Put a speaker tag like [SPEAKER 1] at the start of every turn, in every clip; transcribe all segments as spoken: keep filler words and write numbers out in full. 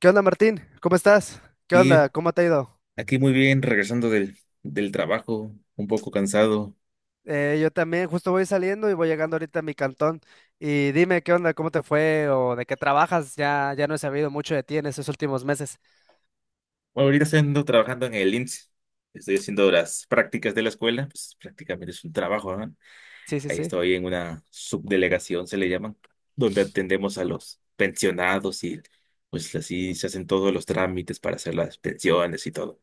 [SPEAKER 1] ¿Qué onda, Martín? ¿Cómo estás? ¿Qué
[SPEAKER 2] Y
[SPEAKER 1] onda? ¿Cómo te ha ido?
[SPEAKER 2] aquí muy bien, regresando del, del trabajo, un poco cansado.
[SPEAKER 1] Eh, yo también justo voy saliendo y voy llegando ahorita a mi cantón. Y dime, ¿qué onda? ¿Cómo te fue? ¿O de qué trabajas? Ya, ya no he sabido mucho de ti en estos últimos meses.
[SPEAKER 2] Bueno, ahorita estoy ando trabajando en el I M S S. Estoy haciendo las prácticas de la escuela, pues prácticamente es un trabajo, ¿no?
[SPEAKER 1] Sí, sí,
[SPEAKER 2] Ahí
[SPEAKER 1] sí.
[SPEAKER 2] estoy en una subdelegación, se le llaman, donde atendemos a los pensionados y pues así se hacen todos los trámites para hacer las pensiones y todo.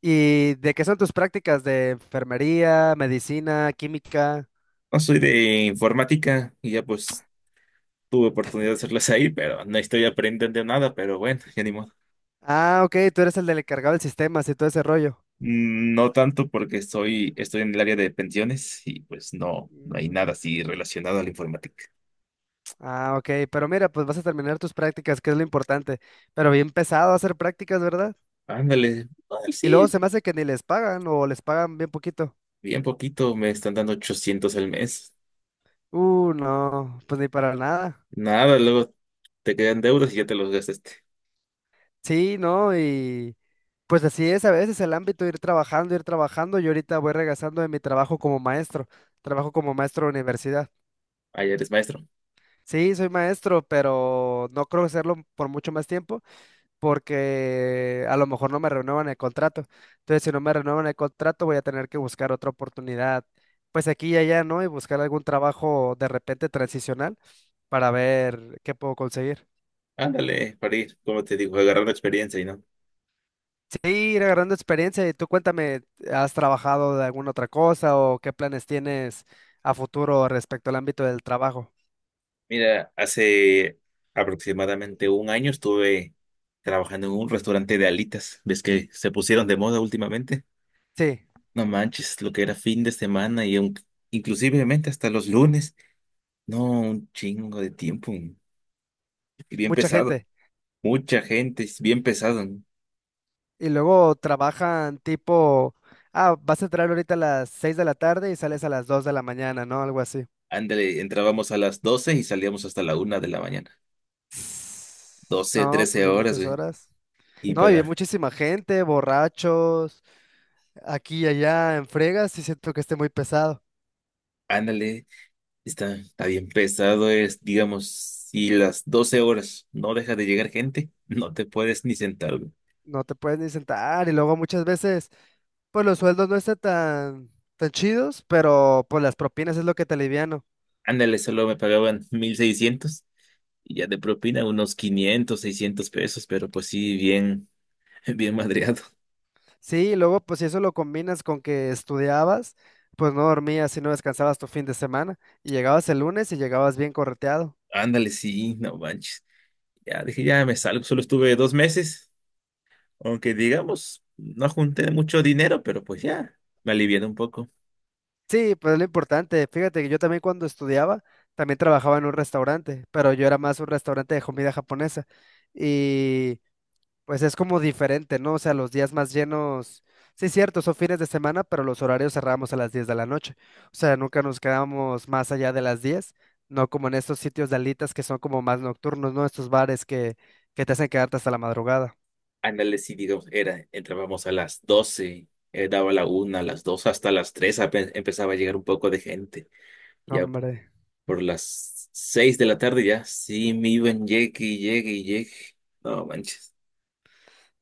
[SPEAKER 1] ¿Y de qué son tus prácticas? ¿De enfermería, medicina, química?
[SPEAKER 2] No soy de informática y ya pues tuve oportunidad de hacerlas ahí, pero no estoy aprendiendo nada, pero bueno, ya ni modo.
[SPEAKER 1] Ah, ok, tú eres el del encargado del sistema, y todo ese rollo.
[SPEAKER 2] Mm, no tanto porque estoy, estoy en el área de pensiones y pues no, no hay nada
[SPEAKER 1] Mm.
[SPEAKER 2] así relacionado a la informática.
[SPEAKER 1] Ah, ok, pero mira, pues vas a terminar tus prácticas, que es lo importante. Pero bien pesado hacer prácticas, ¿verdad?
[SPEAKER 2] Ándale, ay,
[SPEAKER 1] Y luego
[SPEAKER 2] sí,
[SPEAKER 1] se me hace que ni les pagan o les pagan bien poquito.
[SPEAKER 2] bien poquito, me están dando ochocientos al mes.
[SPEAKER 1] Uh, no, pues ni para nada.
[SPEAKER 2] Nada, luego te quedan deudas y ya te los gastaste.
[SPEAKER 1] Sí, no, y pues así es a veces el ámbito, ir trabajando, ir trabajando. Yo ahorita voy regresando de mi trabajo como maestro, trabajo como maestro de universidad.
[SPEAKER 2] Ah, ya eres maestro.
[SPEAKER 1] Sí, soy maestro, pero no creo hacerlo por mucho más tiempo porque a lo mejor no me renuevan el contrato. Entonces, si no me renuevan el contrato, voy a tener que buscar otra oportunidad, pues aquí y allá, ¿no? Y buscar algún trabajo de repente transicional para ver qué puedo conseguir.
[SPEAKER 2] Ándale, para ir, como te digo, agarrando experiencia y no.
[SPEAKER 1] Sí, ir agarrando experiencia. Y tú cuéntame, ¿has trabajado de alguna otra cosa o qué planes tienes a futuro respecto al ámbito del trabajo?
[SPEAKER 2] Mira, hace aproximadamente un año estuve trabajando en un restaurante de alitas. ¿Ves que se pusieron de moda últimamente?
[SPEAKER 1] Sí,
[SPEAKER 2] No manches, lo que era fin de semana y un, inclusivemente hasta los lunes. No, un chingo de tiempo. Y bien
[SPEAKER 1] mucha
[SPEAKER 2] pesado.
[SPEAKER 1] gente.
[SPEAKER 2] Mucha gente, es bien pesado, ¿no?
[SPEAKER 1] Y luego trabajan tipo, ah, vas a entrar ahorita a las seis de la tarde y sales a las dos de la mañana, ¿no? Algo así.
[SPEAKER 2] Ándale, entrábamos a las doce y salíamos hasta la una de la mañana.
[SPEAKER 1] Sss,
[SPEAKER 2] doce
[SPEAKER 1] No,
[SPEAKER 2] trece
[SPEAKER 1] pues y
[SPEAKER 2] horas,
[SPEAKER 1] muchas
[SPEAKER 2] güey.
[SPEAKER 1] horas.
[SPEAKER 2] Y
[SPEAKER 1] No, y hay
[SPEAKER 2] pagar.
[SPEAKER 1] muchísima gente, borrachos, aquí y allá en fregas, y siento que esté muy pesado.
[SPEAKER 2] Ándale, está, está bien pesado. Es, digamos, si las doce horas no deja de llegar gente, no te puedes ni sentar, güey.
[SPEAKER 1] No te puedes ni sentar y luego muchas veces, pues los sueldos no están tan, tan, chidos, pero pues las propinas es lo que te aliviano.
[SPEAKER 2] Ándale, solo me pagaban mil seiscientos y ya de propina unos quinientos, seiscientos pesos, pero pues sí, bien. Bien madreado.
[SPEAKER 1] Sí, y luego pues si eso lo combinas con que estudiabas, pues no dormías y no descansabas tu fin de semana y llegabas el lunes y llegabas bien correteado.
[SPEAKER 2] Ándale, sí, no manches. Ya dije, ya me salgo. Solo estuve dos meses, aunque digamos, no junté mucho dinero, pero pues ya, me alivié un poco.
[SPEAKER 1] Sí, pues es lo importante. Fíjate que yo también cuando estudiaba, también trabajaba en un restaurante, pero yo era más un restaurante de comida japonesa. Y pues es como diferente, ¿no? O sea, los días más llenos, sí, cierto, son fines de semana, pero los horarios cerramos a las diez de la noche. O sea, nunca nos quedamos más allá de las diez. No como en estos sitios de alitas que son como más nocturnos, ¿no? Estos bares que, que te hacen quedarte hasta la madrugada.
[SPEAKER 2] Ándale, sí, digamos, era, entrábamos a las doce, eh, daba la una, a las dos, hasta las tres ape- empezaba a llegar un poco de gente.
[SPEAKER 1] No,
[SPEAKER 2] Ya
[SPEAKER 1] hombre.
[SPEAKER 2] por las seis de la tarde ya, sí, me iban, llegue y llegue y llegue. No manches.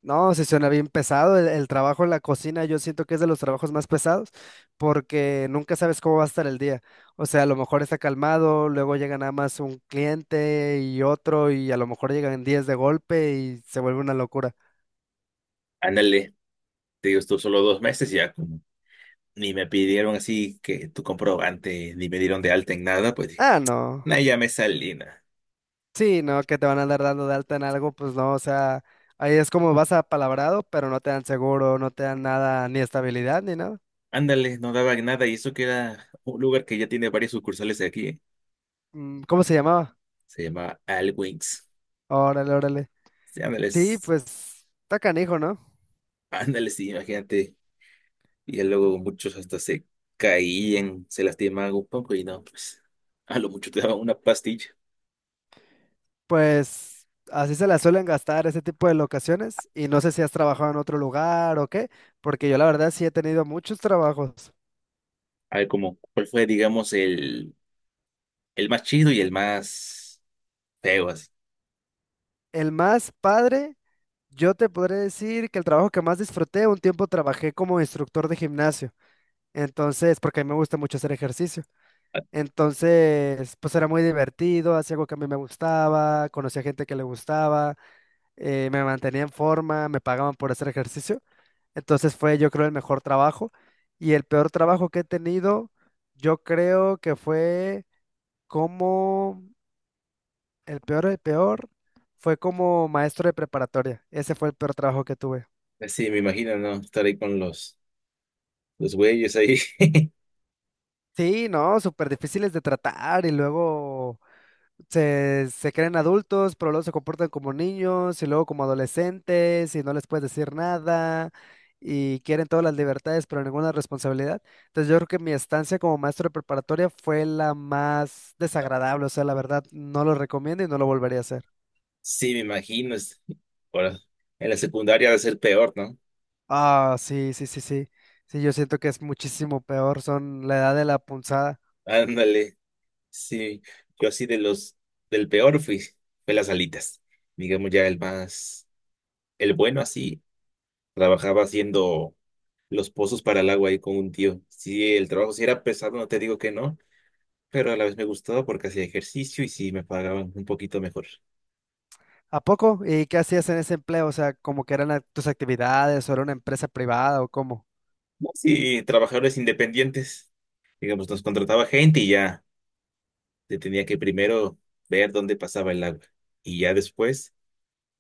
[SPEAKER 1] No, sí suena bien pesado. El, el trabajo en la cocina yo siento que es de los trabajos más pesados porque nunca sabes cómo va a estar el día. O sea, a lo mejor está calmado, luego llega nada más un cliente y otro y a lo mejor llegan diez de golpe y se vuelve una locura.
[SPEAKER 2] Ándale, te digo, estuve solo dos meses ya. Ni me pidieron así que tu comprobante, ni me dieron de alta en nada, pues dije,
[SPEAKER 1] Ah, no.
[SPEAKER 2] "nah, ya me salí, nah".
[SPEAKER 1] Sí, no, que te van a andar dando de alta en algo, pues no, o sea, ahí es como vas apalabrado, pero no te dan seguro, no te dan nada, ni estabilidad, ni nada.
[SPEAKER 2] Ándale, no daban nada y eso que era un lugar que ya tiene varias sucursales de aquí, ¿eh?
[SPEAKER 1] Mm, ¿cómo se llamaba?
[SPEAKER 2] Se llama Al Wings.
[SPEAKER 1] Órale, órale.
[SPEAKER 2] Sí, ándale.
[SPEAKER 1] Sí,
[SPEAKER 2] S-
[SPEAKER 1] pues está canijo, ¿no?
[SPEAKER 2] ándale, sí, imagínate. Y ya luego muchos hasta se caían, se lastimaban un poco y no, pues a lo mucho te daban una pastilla.
[SPEAKER 1] Pues así se la suelen gastar ese tipo de locaciones y no sé si has trabajado en otro lugar o qué, porque yo la verdad sí he tenido muchos trabajos.
[SPEAKER 2] A ver, como, ¿cuál fue, digamos, el, el más chido y el más feo así?
[SPEAKER 1] El más padre, yo te podré decir que el trabajo que más disfruté, un tiempo trabajé como instructor de gimnasio, entonces, porque a mí me gusta mucho hacer ejercicio, entonces, pues era muy divertido, hacía algo que a mí me gustaba, conocía gente que le gustaba, eh, me mantenía en forma, me pagaban por hacer ejercicio. Entonces fue, yo creo, el mejor trabajo. Y el peor trabajo que he tenido, yo creo que fue como, el peor, el peor, fue como maestro de preparatoria. Ese fue el peor trabajo que tuve.
[SPEAKER 2] Así me imagino, ¿no? Estar ahí con los, los güeyes ahí.
[SPEAKER 1] Sí, no, súper difíciles de tratar y luego... se, se creen adultos, pero luego se comportan como niños y luego como adolescentes y no les puedes decir nada y quieren todas las libertades, pero ninguna responsabilidad. Entonces yo creo que mi estancia como maestro de preparatoria fue la más desagradable, o sea, la verdad no lo recomiendo y no lo volvería a hacer.
[SPEAKER 2] Sí, me imagino. Es- Ahora, en la secundaria va a ser peor, ¿no?
[SPEAKER 1] Ah, sí, sí, sí, sí. Sí, yo siento que es muchísimo peor, son la edad de la punzada.
[SPEAKER 2] Ándale. Sí, yo así de los del peor fui, fue las alitas. Digamos ya el más, el bueno así, trabajaba haciendo los pozos para el agua ahí con un tío. Sí, el trabajo sí era pesado, no te digo que no, pero a la vez me gustaba porque hacía ejercicio y sí me pagaban un poquito mejor.
[SPEAKER 1] ¿A poco? ¿Y qué hacías en ese empleo? O sea, como que eran a- tus actividades o era una empresa privada o cómo.
[SPEAKER 2] Sí, trabajadores independientes. Digamos, nos contrataba gente y ya. Se tenía que primero ver dónde pasaba el agua y ya después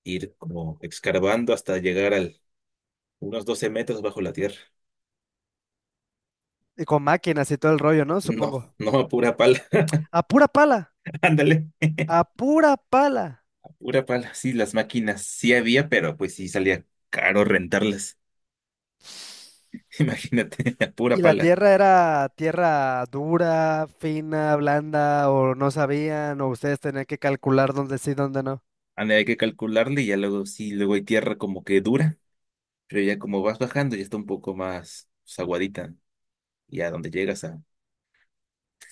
[SPEAKER 2] ir como excavando hasta llegar al unos doce metros bajo la tierra.
[SPEAKER 1] Y con máquinas y todo el rollo, ¿no?
[SPEAKER 2] No,
[SPEAKER 1] Supongo.
[SPEAKER 2] no, a pura pala.
[SPEAKER 1] A pura pala,
[SPEAKER 2] Ándale,
[SPEAKER 1] a pura pala.
[SPEAKER 2] a pura pala. Sí, las máquinas sí había, pero pues sí salía caro rentarlas. Imagínate, a pura
[SPEAKER 1] Y la
[SPEAKER 2] pala.
[SPEAKER 1] tierra era tierra dura, fina, blanda, o no sabían, o ustedes tenían que calcular dónde sí, dónde no.
[SPEAKER 2] Ándale, hay que calcularle y ya luego sí, luego hay tierra como que dura, pero ya como vas bajando ya está un poco más pues, aguadita, ¿no? Y a donde llegas a,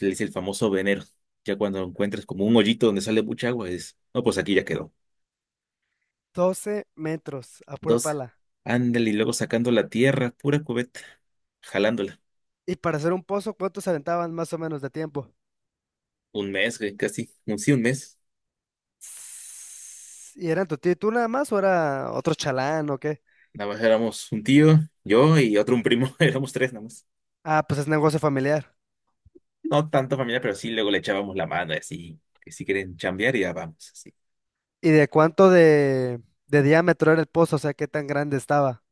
[SPEAKER 2] le dice el famoso venero. Ya cuando encuentres como un hoyito donde sale mucha agua, es, no, pues aquí ya quedó.
[SPEAKER 1] Doce metros, a pura
[SPEAKER 2] Dos,
[SPEAKER 1] pala.
[SPEAKER 2] ándale, y luego sacando la tierra, pura cubeta, jalándola.
[SPEAKER 1] Y para hacer un pozo, ¿cuántos aventaban más o menos de tiempo?
[SPEAKER 2] Un mes, güey, casi, un, sí, un mes.
[SPEAKER 1] Sss, ¿y eran tu tío y tú nada más o era otro chalán o qué?
[SPEAKER 2] Nada más éramos un tío, yo y otro un primo, éramos tres nada más.
[SPEAKER 1] Ah, pues es negocio familiar.
[SPEAKER 2] No tanto familia, pero sí, luego le echábamos la mano y así, que si quieren chambear ya vamos, así.
[SPEAKER 1] ¿Y de cuánto de, de diámetro era el pozo? O sea, ¿qué tan grande estaba?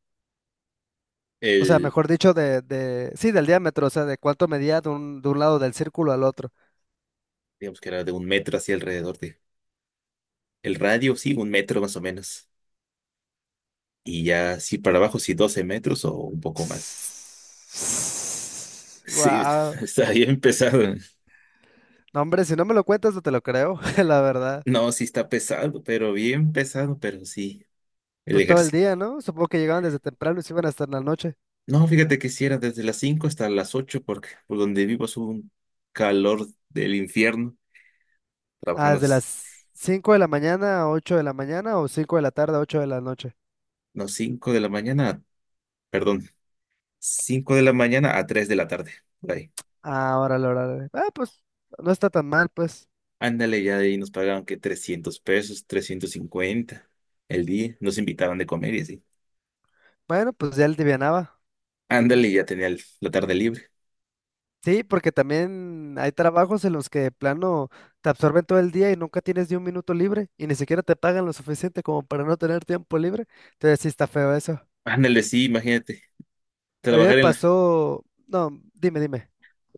[SPEAKER 1] O sea,
[SPEAKER 2] El,
[SPEAKER 1] mejor dicho, de, de, sí, del diámetro, o sea, de cuánto medía de un, de un lado del círculo al otro.
[SPEAKER 2] digamos que era de un metro así alrededor de, el radio, sí, un metro más o menos. Y ya, sí, para abajo, sí, doce metros o un poco más. Sí,
[SPEAKER 1] Wow.
[SPEAKER 2] está bien pesado.
[SPEAKER 1] No, hombre, si no me lo cuentas, no te lo creo, la verdad.
[SPEAKER 2] No, sí está pesado, pero bien pesado, pero sí, el
[SPEAKER 1] Pues todo el
[SPEAKER 2] ejercicio.
[SPEAKER 1] día, ¿no? Supongo que llegaban desde temprano y se iban hasta en la noche.
[SPEAKER 2] No, fíjate que si era desde las cinco hasta las ocho porque por donde vivo es un calor del infierno,
[SPEAKER 1] Ah,
[SPEAKER 2] trabajando
[SPEAKER 1] desde
[SPEAKER 2] las
[SPEAKER 1] las cinco de la mañana a ocho de la mañana o cinco de la tarde a ocho de la noche.
[SPEAKER 2] no, cinco de la mañana, perdón, cinco de la mañana a tres de la tarde, por ahí.
[SPEAKER 1] Ah, órale, órale. Ah, pues no está tan mal, pues.
[SPEAKER 2] Ándale, ya de ahí nos pagaban que trescientos pesos, trescientos cincuenta el día, nos invitaban de comer y así.
[SPEAKER 1] Bueno, pues ya él divianaba.
[SPEAKER 2] Ándale, ya tenía el- la tarde libre.
[SPEAKER 1] Sí, porque también hay trabajos en los que de plano te absorben todo el día y nunca tienes ni un minuto libre y ni siquiera te pagan lo suficiente como para no tener tiempo libre. Entonces sí está feo eso.
[SPEAKER 2] Ándale, sí, imagínate,
[SPEAKER 1] A mí me
[SPEAKER 2] trabajar en,
[SPEAKER 1] pasó, no, dime, dime.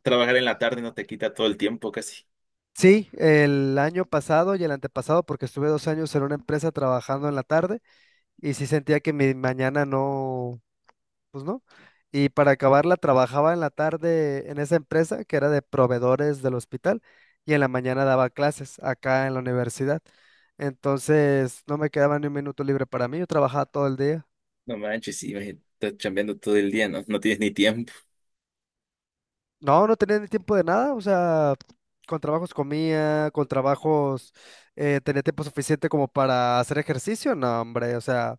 [SPEAKER 2] trabajar en la tarde no te quita todo el tiempo casi.
[SPEAKER 1] Sí, el año pasado y el antepasado, porque estuve dos años en una empresa trabajando en la tarde y sí sentía que mi mañana no, pues no. Y para acabarla, trabajaba en la tarde en esa empresa que era de proveedores del hospital y en la mañana daba clases acá en la universidad. Entonces, no me quedaba ni un minuto libre para mí, yo trabajaba todo el día.
[SPEAKER 2] No manches, sí, imagínate, estás chambeando todo el día, ¿no? No tienes ni tiempo,
[SPEAKER 1] No, no tenía ni tiempo de nada, o sea, con trabajos comía, con trabajos eh, tenía tiempo suficiente como para hacer ejercicio, no, hombre, o sea,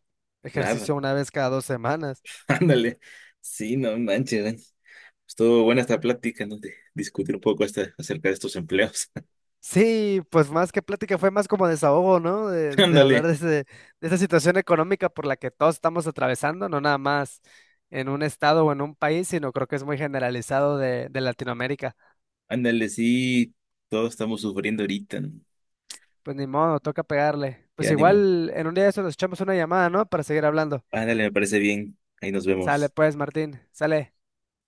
[SPEAKER 2] nada.
[SPEAKER 1] ejercicio una vez cada dos semanas.
[SPEAKER 2] Ándale. Sí, no manches, man. Estuvo buena esta plática, ¿no? De discutir un poco esta, acerca de estos empleos.
[SPEAKER 1] Sí, pues más que plática fue más como desahogo, ¿no? De, de hablar
[SPEAKER 2] Ándale,
[SPEAKER 1] de, ese- de esa situación económica por la que todos estamos atravesando, no nada más en un estado o en un país, sino creo que es muy generalizado de, de, Latinoamérica.
[SPEAKER 2] ándale, sí. Todos estamos sufriendo ahorita, ¿no?
[SPEAKER 1] Pues ni modo, toca pegarle.
[SPEAKER 2] Y
[SPEAKER 1] Pues
[SPEAKER 2] ánimo.
[SPEAKER 1] igual en un día de eso nos echamos una llamada, ¿no? Para seguir hablando.
[SPEAKER 2] Ándale, me parece bien. Ahí nos
[SPEAKER 1] Sale
[SPEAKER 2] vemos.
[SPEAKER 1] pues, Martín, sale.